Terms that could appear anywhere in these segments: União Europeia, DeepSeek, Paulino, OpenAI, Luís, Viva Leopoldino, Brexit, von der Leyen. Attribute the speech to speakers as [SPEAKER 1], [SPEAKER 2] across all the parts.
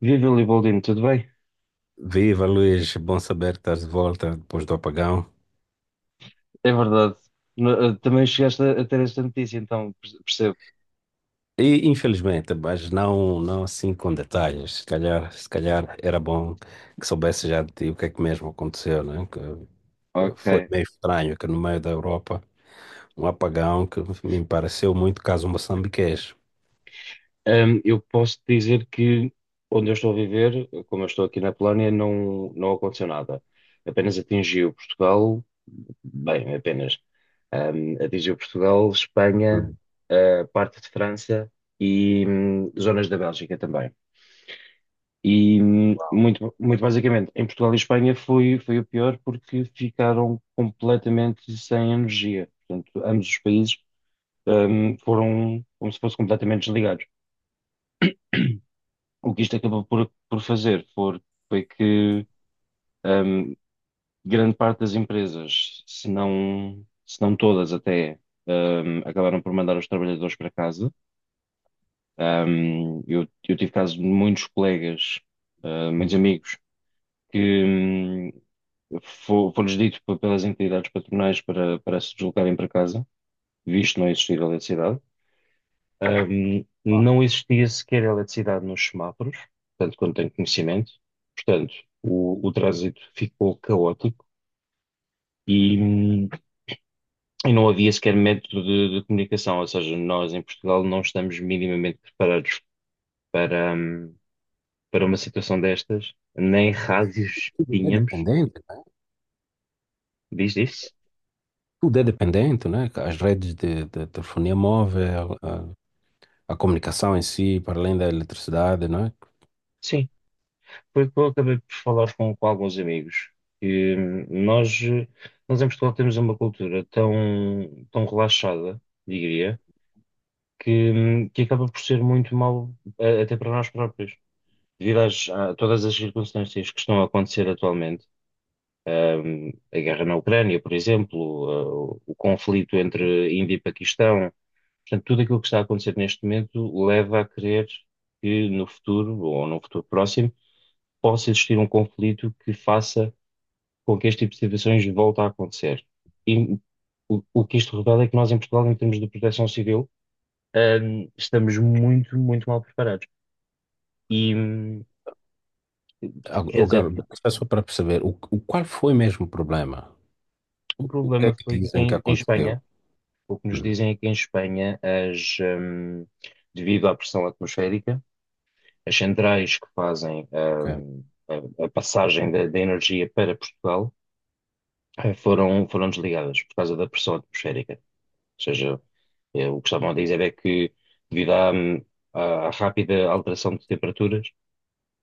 [SPEAKER 1] Viva, Leopoldino, tudo bem?
[SPEAKER 2] Viva Luís, bom saber que estás de volta depois do apagão.
[SPEAKER 1] É verdade. Também chegaste a ter esta notícia, então percebo.
[SPEAKER 2] E infelizmente, mas não, não assim com detalhes. Se calhar, se calhar era bom que soubesse já de ti o que é que mesmo aconteceu, né? Que foi
[SPEAKER 1] Ok.
[SPEAKER 2] meio estranho que no meio da Europa um apagão que me pareceu muito caso moçambiquês.
[SPEAKER 1] Eu posso dizer que, onde eu estou a viver, como eu estou aqui na Polónia, não, não aconteceu nada. Apenas atingiu Portugal, bem, apenas. Atingiu Portugal, Espanha,
[SPEAKER 2] Hum,
[SPEAKER 1] parte de França e zonas da Bélgica também. E muito, muito basicamente, em Portugal e Espanha foi o pior porque ficaram completamente sem energia. Portanto, ambos os países foram como se fossem completamente desligados. O que isto acabou por fazer foi que, hum, grande parte das empresas, se não todas até, acabaram por mandar os trabalhadores para casa. Eu tive casos de muitos colegas, muitos
[SPEAKER 2] hum.
[SPEAKER 1] amigos que, hum, foi-lhes dito pelas entidades patronais para se deslocarem para casa, visto não existir eletricidade. Não existia sequer eletricidade nos semáforos, tanto quanto tenho conhecimento. Portanto, o trânsito ficou caótico e, não havia sequer método de comunicação. Ou seja, nós em Portugal não estamos minimamente preparados para, hum, para uma situação destas, nem rádios
[SPEAKER 2] Tudo é
[SPEAKER 1] tínhamos.
[SPEAKER 2] dependente, né?
[SPEAKER 1] Diz isso?
[SPEAKER 2] Tudo é dependente, né? As redes de telefonia móvel, a comunicação em si, para além da eletricidade, né?
[SPEAKER 1] Sim, foi o que eu acabei por falar com alguns amigos. E nós em Portugal temos uma cultura tão, tão relaxada, diria, que acaba por ser muito mau, até para nós próprios. Devido a todas as circunstâncias que estão a acontecer atualmente, a guerra na Ucrânia, por exemplo, eh, o conflito entre Índia e Paquistão. Portanto, tudo aquilo que está a acontecer neste momento leva a crer que no futuro, ou num futuro próximo, possa existir um conflito que faça com que este tipo de situações volta a acontecer. E o que isto revela é que nós em Portugal, em termos de proteção civil, estamos muito, muito mal preparados. E, quer dizer,
[SPEAKER 2] Agora, só para perceber, qual foi mesmo o problema?
[SPEAKER 1] o
[SPEAKER 2] O que é
[SPEAKER 1] problema
[SPEAKER 2] que
[SPEAKER 1] foi que
[SPEAKER 2] dizem que
[SPEAKER 1] em
[SPEAKER 2] aconteceu?
[SPEAKER 1] Espanha, o que nos
[SPEAKER 2] Hum,
[SPEAKER 1] dizem é que em Espanha, devido à pressão atmosférica, as centrais que fazem,
[SPEAKER 2] ok.
[SPEAKER 1] a passagem da energia para Portugal, foram desligadas por causa da pressão atmosférica. Seja, o que estavam a dizer é que, devido à rápida alteração de temperaturas,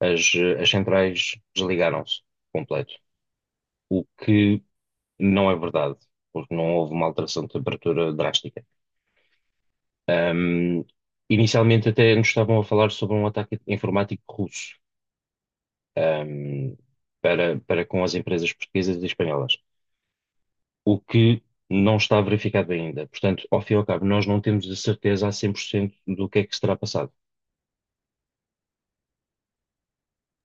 [SPEAKER 1] as centrais desligaram-se completo. O que não é verdade, porque não houve uma alteração de temperatura drástica. Ahm, Inicialmente, até nos estavam a falar sobre um ataque informático russo, ahm, para com as empresas portuguesas e espanholas, o que não está verificado ainda. Portanto, ao fim e ao cabo, nós não temos a certeza a 100% do que é que se terá passado.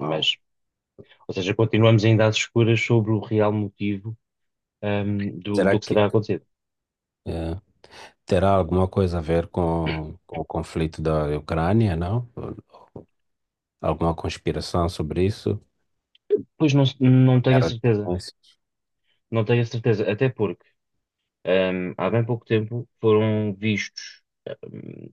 [SPEAKER 2] Uau.
[SPEAKER 1] Mas, ou seja, continuamos ainda às escuras sobre o real motivo, do,
[SPEAKER 2] Será
[SPEAKER 1] do que
[SPEAKER 2] que
[SPEAKER 1] será acontecido.
[SPEAKER 2] eh, terá alguma coisa a ver com o conflito da Ucrânia, não? Alguma conspiração sobre isso?
[SPEAKER 1] Pois não, não
[SPEAKER 2] A
[SPEAKER 1] tenho a
[SPEAKER 2] Guerra de
[SPEAKER 1] certeza.
[SPEAKER 2] Donbass?
[SPEAKER 1] Não tenho a certeza. Até porque, há bem pouco tempo foram vistos,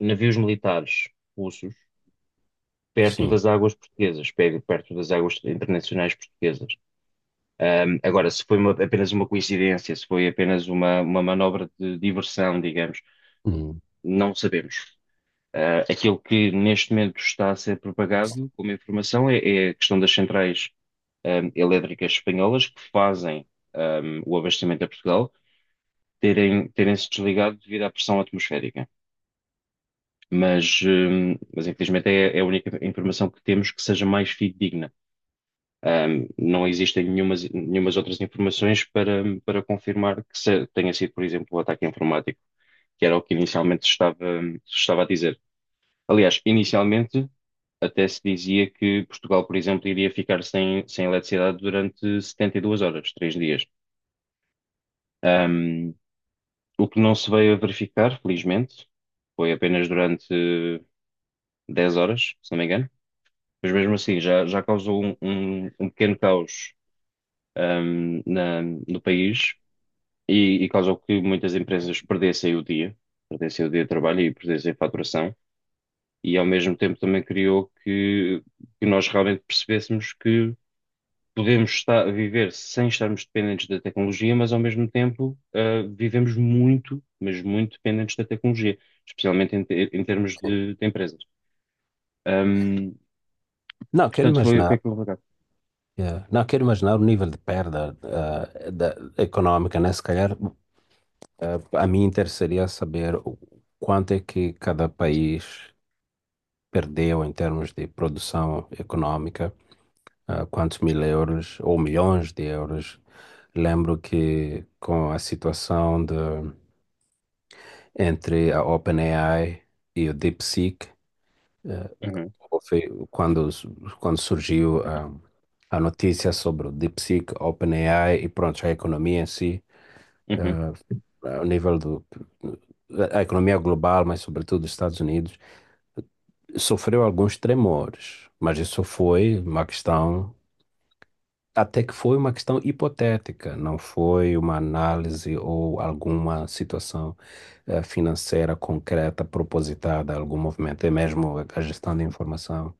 [SPEAKER 1] navios militares russos perto
[SPEAKER 2] Sim.
[SPEAKER 1] das águas portuguesas, perto das águas internacionais portuguesas. Agora, se foi apenas uma coincidência, se foi apenas uma manobra de diversão, digamos,
[SPEAKER 2] Hum,
[SPEAKER 1] não sabemos. Aquilo que neste momento está a ser propagado como informação é a questão das centrais, elétricas espanholas que fazem, o abastecimento a Portugal terem se desligado devido à pressão atmosférica. Mas infelizmente é a única informação que temos que seja mais fidedigna. Não existem nenhumas outras informações para confirmar que tenha sido, por exemplo, o ataque informático, que era o que inicialmente se estava a dizer. Aliás, inicialmente até se dizia que Portugal, por exemplo, iria ficar sem eletricidade durante 72 horas, 3 dias. Ahm, o que não se veio a verificar, felizmente, foi apenas durante 10 horas, se não me engano. Mas mesmo assim, já causou um pequeno caos, ahm, na- no país e causou que muitas empresas perdessem o dia de trabalho e perdessem faturação. E ao mesmo tempo também criou que nós realmente percebêssemos que podemos estar, viver sem estarmos dependentes da tecnologia, mas ao mesmo tempo, vivemos muito, mas muito dependentes da tecnologia, especialmente em termos
[SPEAKER 2] sim.
[SPEAKER 1] de empresas. Ahm,
[SPEAKER 2] Não, quero
[SPEAKER 1] Portanto, foi,
[SPEAKER 2] imaginar,
[SPEAKER 1] foi complicado.
[SPEAKER 2] não, quero imaginar o nível de perda da, econômica, né? Se calhar, a mim interessaria saber o quanto é que cada país perdeu em termos de produção econômica, ah, quantos mil euros ou milhões de euros. Lembro que com a situação de, entre a OpenAI e o DeepSeek,
[SPEAKER 1] Uhum,
[SPEAKER 2] quando, quando surgiu a notícia sobre o DeepSeek, OpenAI e pronto, a economia em si,
[SPEAKER 1] uhum.
[SPEAKER 2] ah, ao nível do, a economia global, mas sobretudo dos Estados Unidos, sofreu alguns tremores, mas isso foi uma questão. Até que foi uma questão hipotética, não foi uma análise ou alguma situação financeira concreta, propositada, algum movimento, é mesmo a gestão de informação.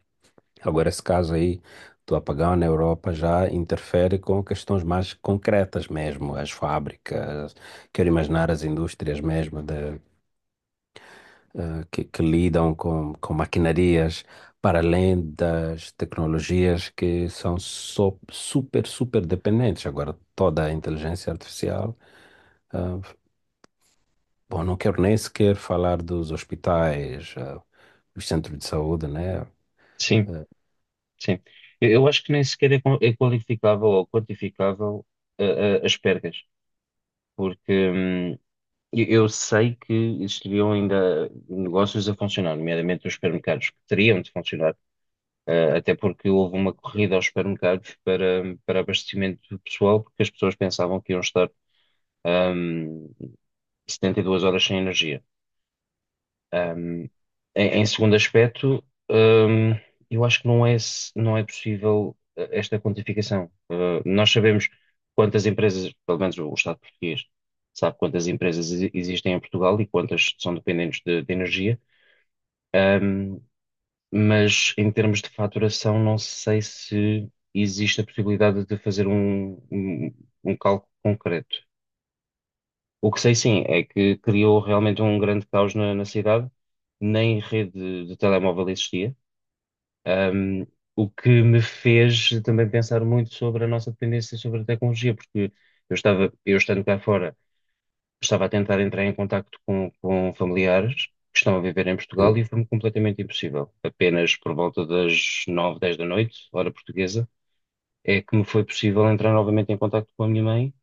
[SPEAKER 2] Agora, esse caso aí do apagão na Europa já interfere com questões mais concretas mesmo, as fábricas, quero imaginar as indústrias mesmo de, que lidam com maquinarias para além das tecnologias que são super, super dependentes. Agora, toda a inteligência artificial, ah, bom, não quero nem sequer falar dos hospitais, ah, dos centros de saúde, né?
[SPEAKER 1] Sim,
[SPEAKER 2] Ah,
[SPEAKER 1] sim. Eu acho que nem sequer é qualificável ou quantificável, ah, as perdas, porque eu sei que existiriam ainda negócios a funcionar, nomeadamente os supermercados, que teriam de funcionar. Até porque houve uma corrida aos supermercados para abastecimento pessoal, porque as pessoas pensavam que iam estar, ahm, 72 horas sem energia. Ahm, em segundo aspecto, ahm, eu acho que não é possível, esta quantificação. Nós sabemos quantas empresas, pelo menos o Estado português, sabe quantas empresas existem em Portugal e quantas são dependentes de energia. Ehm, mas em termos de faturação, não sei se existe a possibilidade de fazer um cálculo concreto. O que sei sim é que criou realmente um grande caos na cidade. Nem rede de telemóvel existia. Ahm, o que me fez também pensar muito sobre a nossa dependência sobre a tecnologia, porque eu estando cá fora. Estava a tentar entrar em contacto com familiares que estão a viver em
[SPEAKER 2] eu.
[SPEAKER 1] Portugal e foi-me completamente impossível. Apenas por volta das 9, 10 da noite, hora portuguesa, é que me foi possível entrar novamente em contacto com a minha mãe,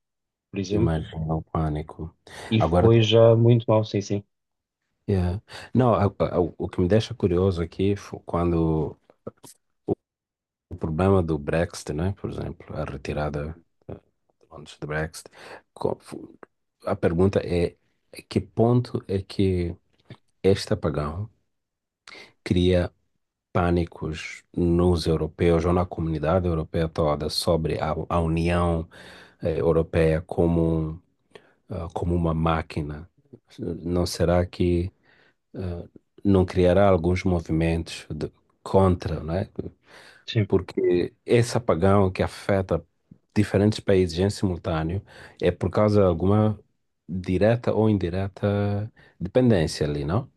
[SPEAKER 1] por exemplo,
[SPEAKER 2] Imagina o pânico.
[SPEAKER 1] e
[SPEAKER 2] Agora,
[SPEAKER 1] foi já muito mal, sim, sim.
[SPEAKER 2] eh, não, o que me deixa curioso aqui foi quando o problema do Brexit, né? Por exemplo, a retirada. eh, antes do Brexit. Co- fu- A pergunta é, a que ponto é que este apagão cria pânicos nos europeus ou na comunidade europeia toda sobre a União Europeia como, ah, como uma máquina? Não será que ah, não criará alguns movimentos contra, né?
[SPEAKER 1] Sim.
[SPEAKER 2] Porque esse apagão que afeta diferentes países em simultâneo é por causa de alguma direta ou indireta dependência ali, não?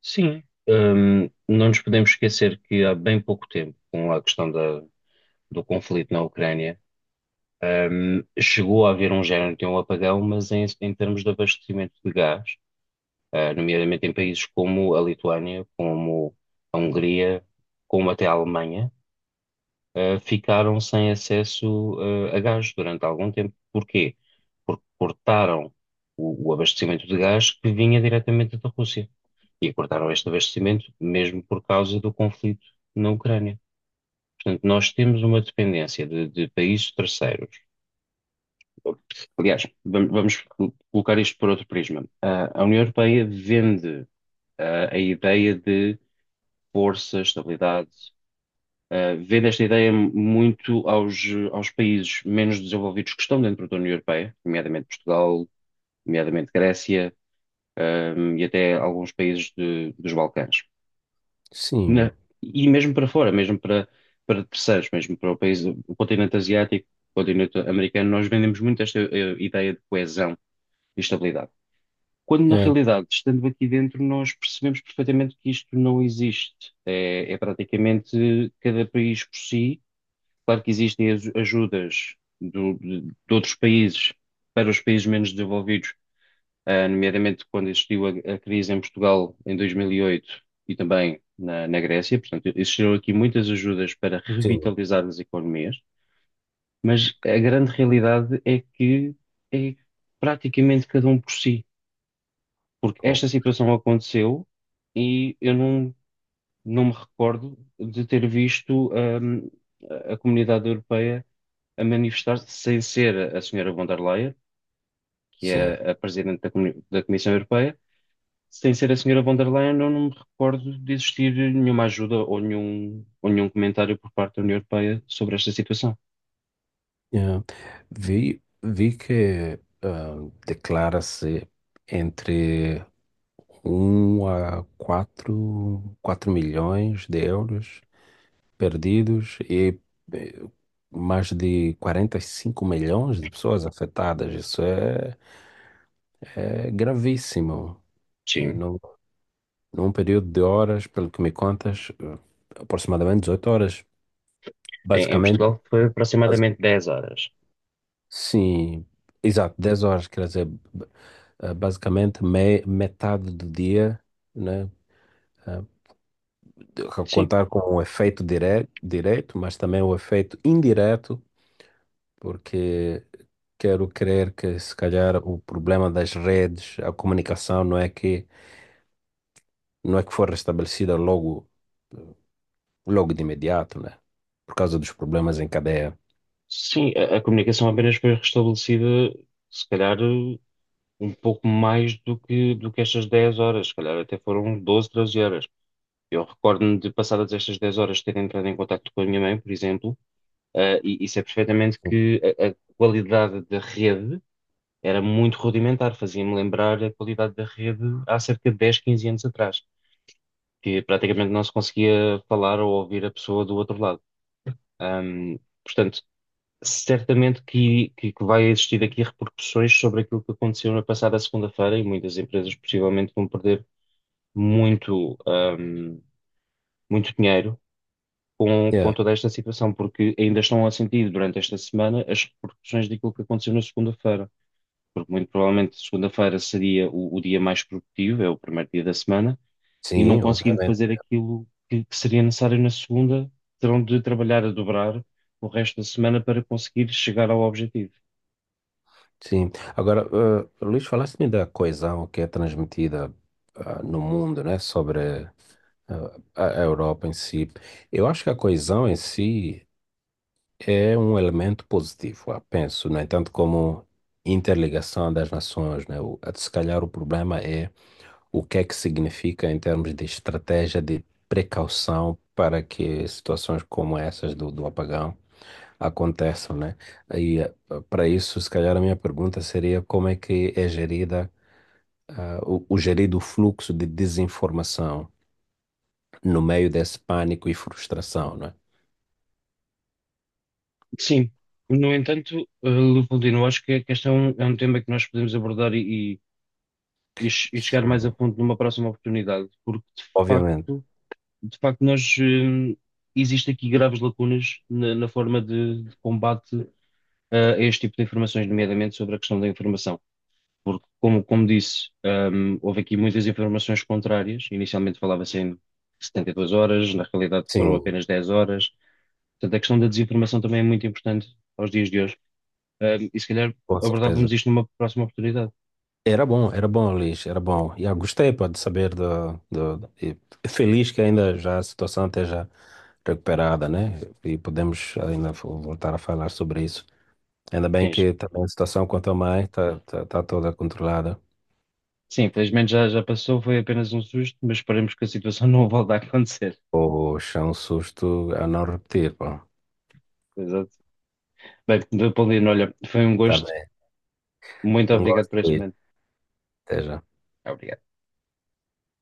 [SPEAKER 1] Sim. Não nos podemos esquecer que há bem pouco tempo, com a questão do conflito na Ucrânia, chegou a haver um género de um apagão, mas em termos de abastecimento de gás, nomeadamente em países como a Lituânia, como a Hungria, como até a Alemanha, ficaram sem acesso, a gás durante algum tempo. Porquê? Porque cortaram o abastecimento de gás que vinha diretamente da Rússia. E cortaram este abastecimento mesmo por causa do conflito na Ucrânia. Portanto, nós temos uma dependência de países terceiros. Aliás, vamos colocar isto por outro prisma. A União Europeia vende, a ideia de força, estabilidade. Vendo esta ideia muito aos países menos desenvolvidos que estão dentro da União Europeia, nomeadamente Portugal, nomeadamente Grécia, e até alguns países dos Balcãs. Na-
[SPEAKER 2] Sim,
[SPEAKER 1] e mesmo para fora, mesmo para terceiros, mesmo para o país, o continente asiático, o continente americano, nós vendemos muito esta, ideia de coesão e estabilidade. Quando na
[SPEAKER 2] é,
[SPEAKER 1] realidade, estando aqui dentro, nós percebemos perfeitamente que isto não existe. É praticamente cada país por si. Claro que existem ajudas de outros países para os países menos desenvolvidos, nomeadamente quando existiu a crise em Portugal em 2008 e oito e também na Grécia. Portanto, existiram aqui muitas ajudas para
[SPEAKER 2] sim,
[SPEAKER 1] revitalizar as economias, mas a grande realidade é que é praticamente cada um por si. Porque
[SPEAKER 2] oh,
[SPEAKER 1] esta situação aconteceu e eu não, não me recordo de ter visto, a comunidade europeia a manifestar-se sem ser a senhora von der Leyen, que
[SPEAKER 2] sim.
[SPEAKER 1] é a presidente da Comissão Europeia. Sem ser a senhora von der Leyen, eu não me recordo de existir nenhuma ajuda ou nenhum comentário por parte da União Europeia sobre esta situação.
[SPEAKER 2] É. Vi, vi que ah, declara-se entre um a quatro milhões de euros perdidos e eh, mais de 45 milhões de pessoas afetadas. Isso é, é gravíssimo. E
[SPEAKER 1] Sim.
[SPEAKER 2] num, num período de horas, pelo que me contas, eh, aproximadamente 18 horas.
[SPEAKER 1] Em
[SPEAKER 2] Basicamente,
[SPEAKER 1] Portugal foi
[SPEAKER 2] basi-
[SPEAKER 1] aproximadamente 10 horas.
[SPEAKER 2] sim, exato, 10 horas, quer dizer, eh, basicamente me, metade do dia. Né? eh, de-
[SPEAKER 1] Sim,
[SPEAKER 2] contar com o efeito direto, mas também o efeito indireto porque quero crer que se calhar o problema das redes, a comunicação não é que foi restabelecida logo logo de imediato, né? Por causa dos problemas em cadeia.
[SPEAKER 1] sim, a comunicação apenas foi restabelecida, se calhar, um pouco mais do que estas 10 horas, se calhar até foram 12, 13 horas. Eu recordo-me de, passadas estas 10 horas, ter entrado em contato com a minha mãe, por exemplo, e sei perfeitamente que a qualidade da rede era muito rudimentar, fazia-me lembrar a qualidade da rede há cerca de dez, 15 anos atrás, que praticamente não se conseguia falar ou ouvir a pessoa do outro lado. Ahm, Portanto, certamente que vai existir aqui repercussões sobre aquilo que aconteceu na passada segunda-feira, e muitas empresas possivelmente vão perder muito, muito dinheiro com,
[SPEAKER 2] Yeah.
[SPEAKER 1] com toda esta situação, porque ainda estão a sentir durante esta semana as repercussões daquilo que aconteceu na segunda-feira. Porque muito provavelmente segunda-feira seria o dia mais produtivo, é o primeiro dia da semana, e não
[SPEAKER 2] Sim,
[SPEAKER 1] conseguindo
[SPEAKER 2] obviamente.
[SPEAKER 1] fazer aquilo que seria necessário na segunda, terão de trabalhar a dobrar o resto da semana para conseguir chegar ao objetivo.
[SPEAKER 2] Sim. Agora, eh, Luís, falaste-me da coesão que é transmitida ah, no mundo, né? Sobre ah, a Europa em si. Eu acho que a coesão em si é um elemento positivo, ah, penso. No entanto, como interligação das nações, né? O, se calhar o problema é o que é que significa em termos de estratégia de precaução para que situações como essas do, do apagão aconteçam, né? E ah, para isso, se calhar a minha pergunta seria como é que é gerida, ah, o gerido fluxo de desinformação no meio desse pânico e frustração, né?
[SPEAKER 1] Sim, no entanto, Leopoldino, acho que este é um tema que nós podemos abordar e chegar
[SPEAKER 2] Sim.
[SPEAKER 1] mais a fundo numa próxima oportunidade, porque de
[SPEAKER 2] Obviamente,
[SPEAKER 1] facto, de facto nós, eh, existe aqui graves lacunas na forma de combate, a este tipo de informações, nomeadamente sobre a questão da informação. Porque, como disse, houve aqui muitas informações contrárias. Inicialmente, falava-se em 72 horas, na realidade foram
[SPEAKER 2] sim,
[SPEAKER 1] apenas 10 horas. Portanto, a questão da desinformação também é muito importante aos dias de hoje, e se calhar
[SPEAKER 2] com
[SPEAKER 1] abordávamos
[SPEAKER 2] certeza.
[SPEAKER 1] isto numa próxima oportunidade.
[SPEAKER 2] Era bom, Luiz, era bom. E eu gostei, pá, de saber do, do, e feliz que ainda já a situação esteja recuperada, né? E podemos ainda voltar a falar sobre isso. Ainda
[SPEAKER 1] Sim,
[SPEAKER 2] bem que também a situação quanto a mãe está tá, tá toda controlada.
[SPEAKER 1] sim, infelizmente já passou. Foi apenas um susto, mas esperemos que a situação não volte a acontecer.
[SPEAKER 2] Poxa, é um susto a não repetir, pá.
[SPEAKER 1] Exato. Bem, Paulino, olha, foi um
[SPEAKER 2] Tá
[SPEAKER 1] gosto.
[SPEAKER 2] bem,
[SPEAKER 1] Muito
[SPEAKER 2] um
[SPEAKER 1] obrigado
[SPEAKER 2] gosto,
[SPEAKER 1] por este
[SPEAKER 2] Luiz.
[SPEAKER 1] momento.
[SPEAKER 2] Até já.
[SPEAKER 1] Obrigado.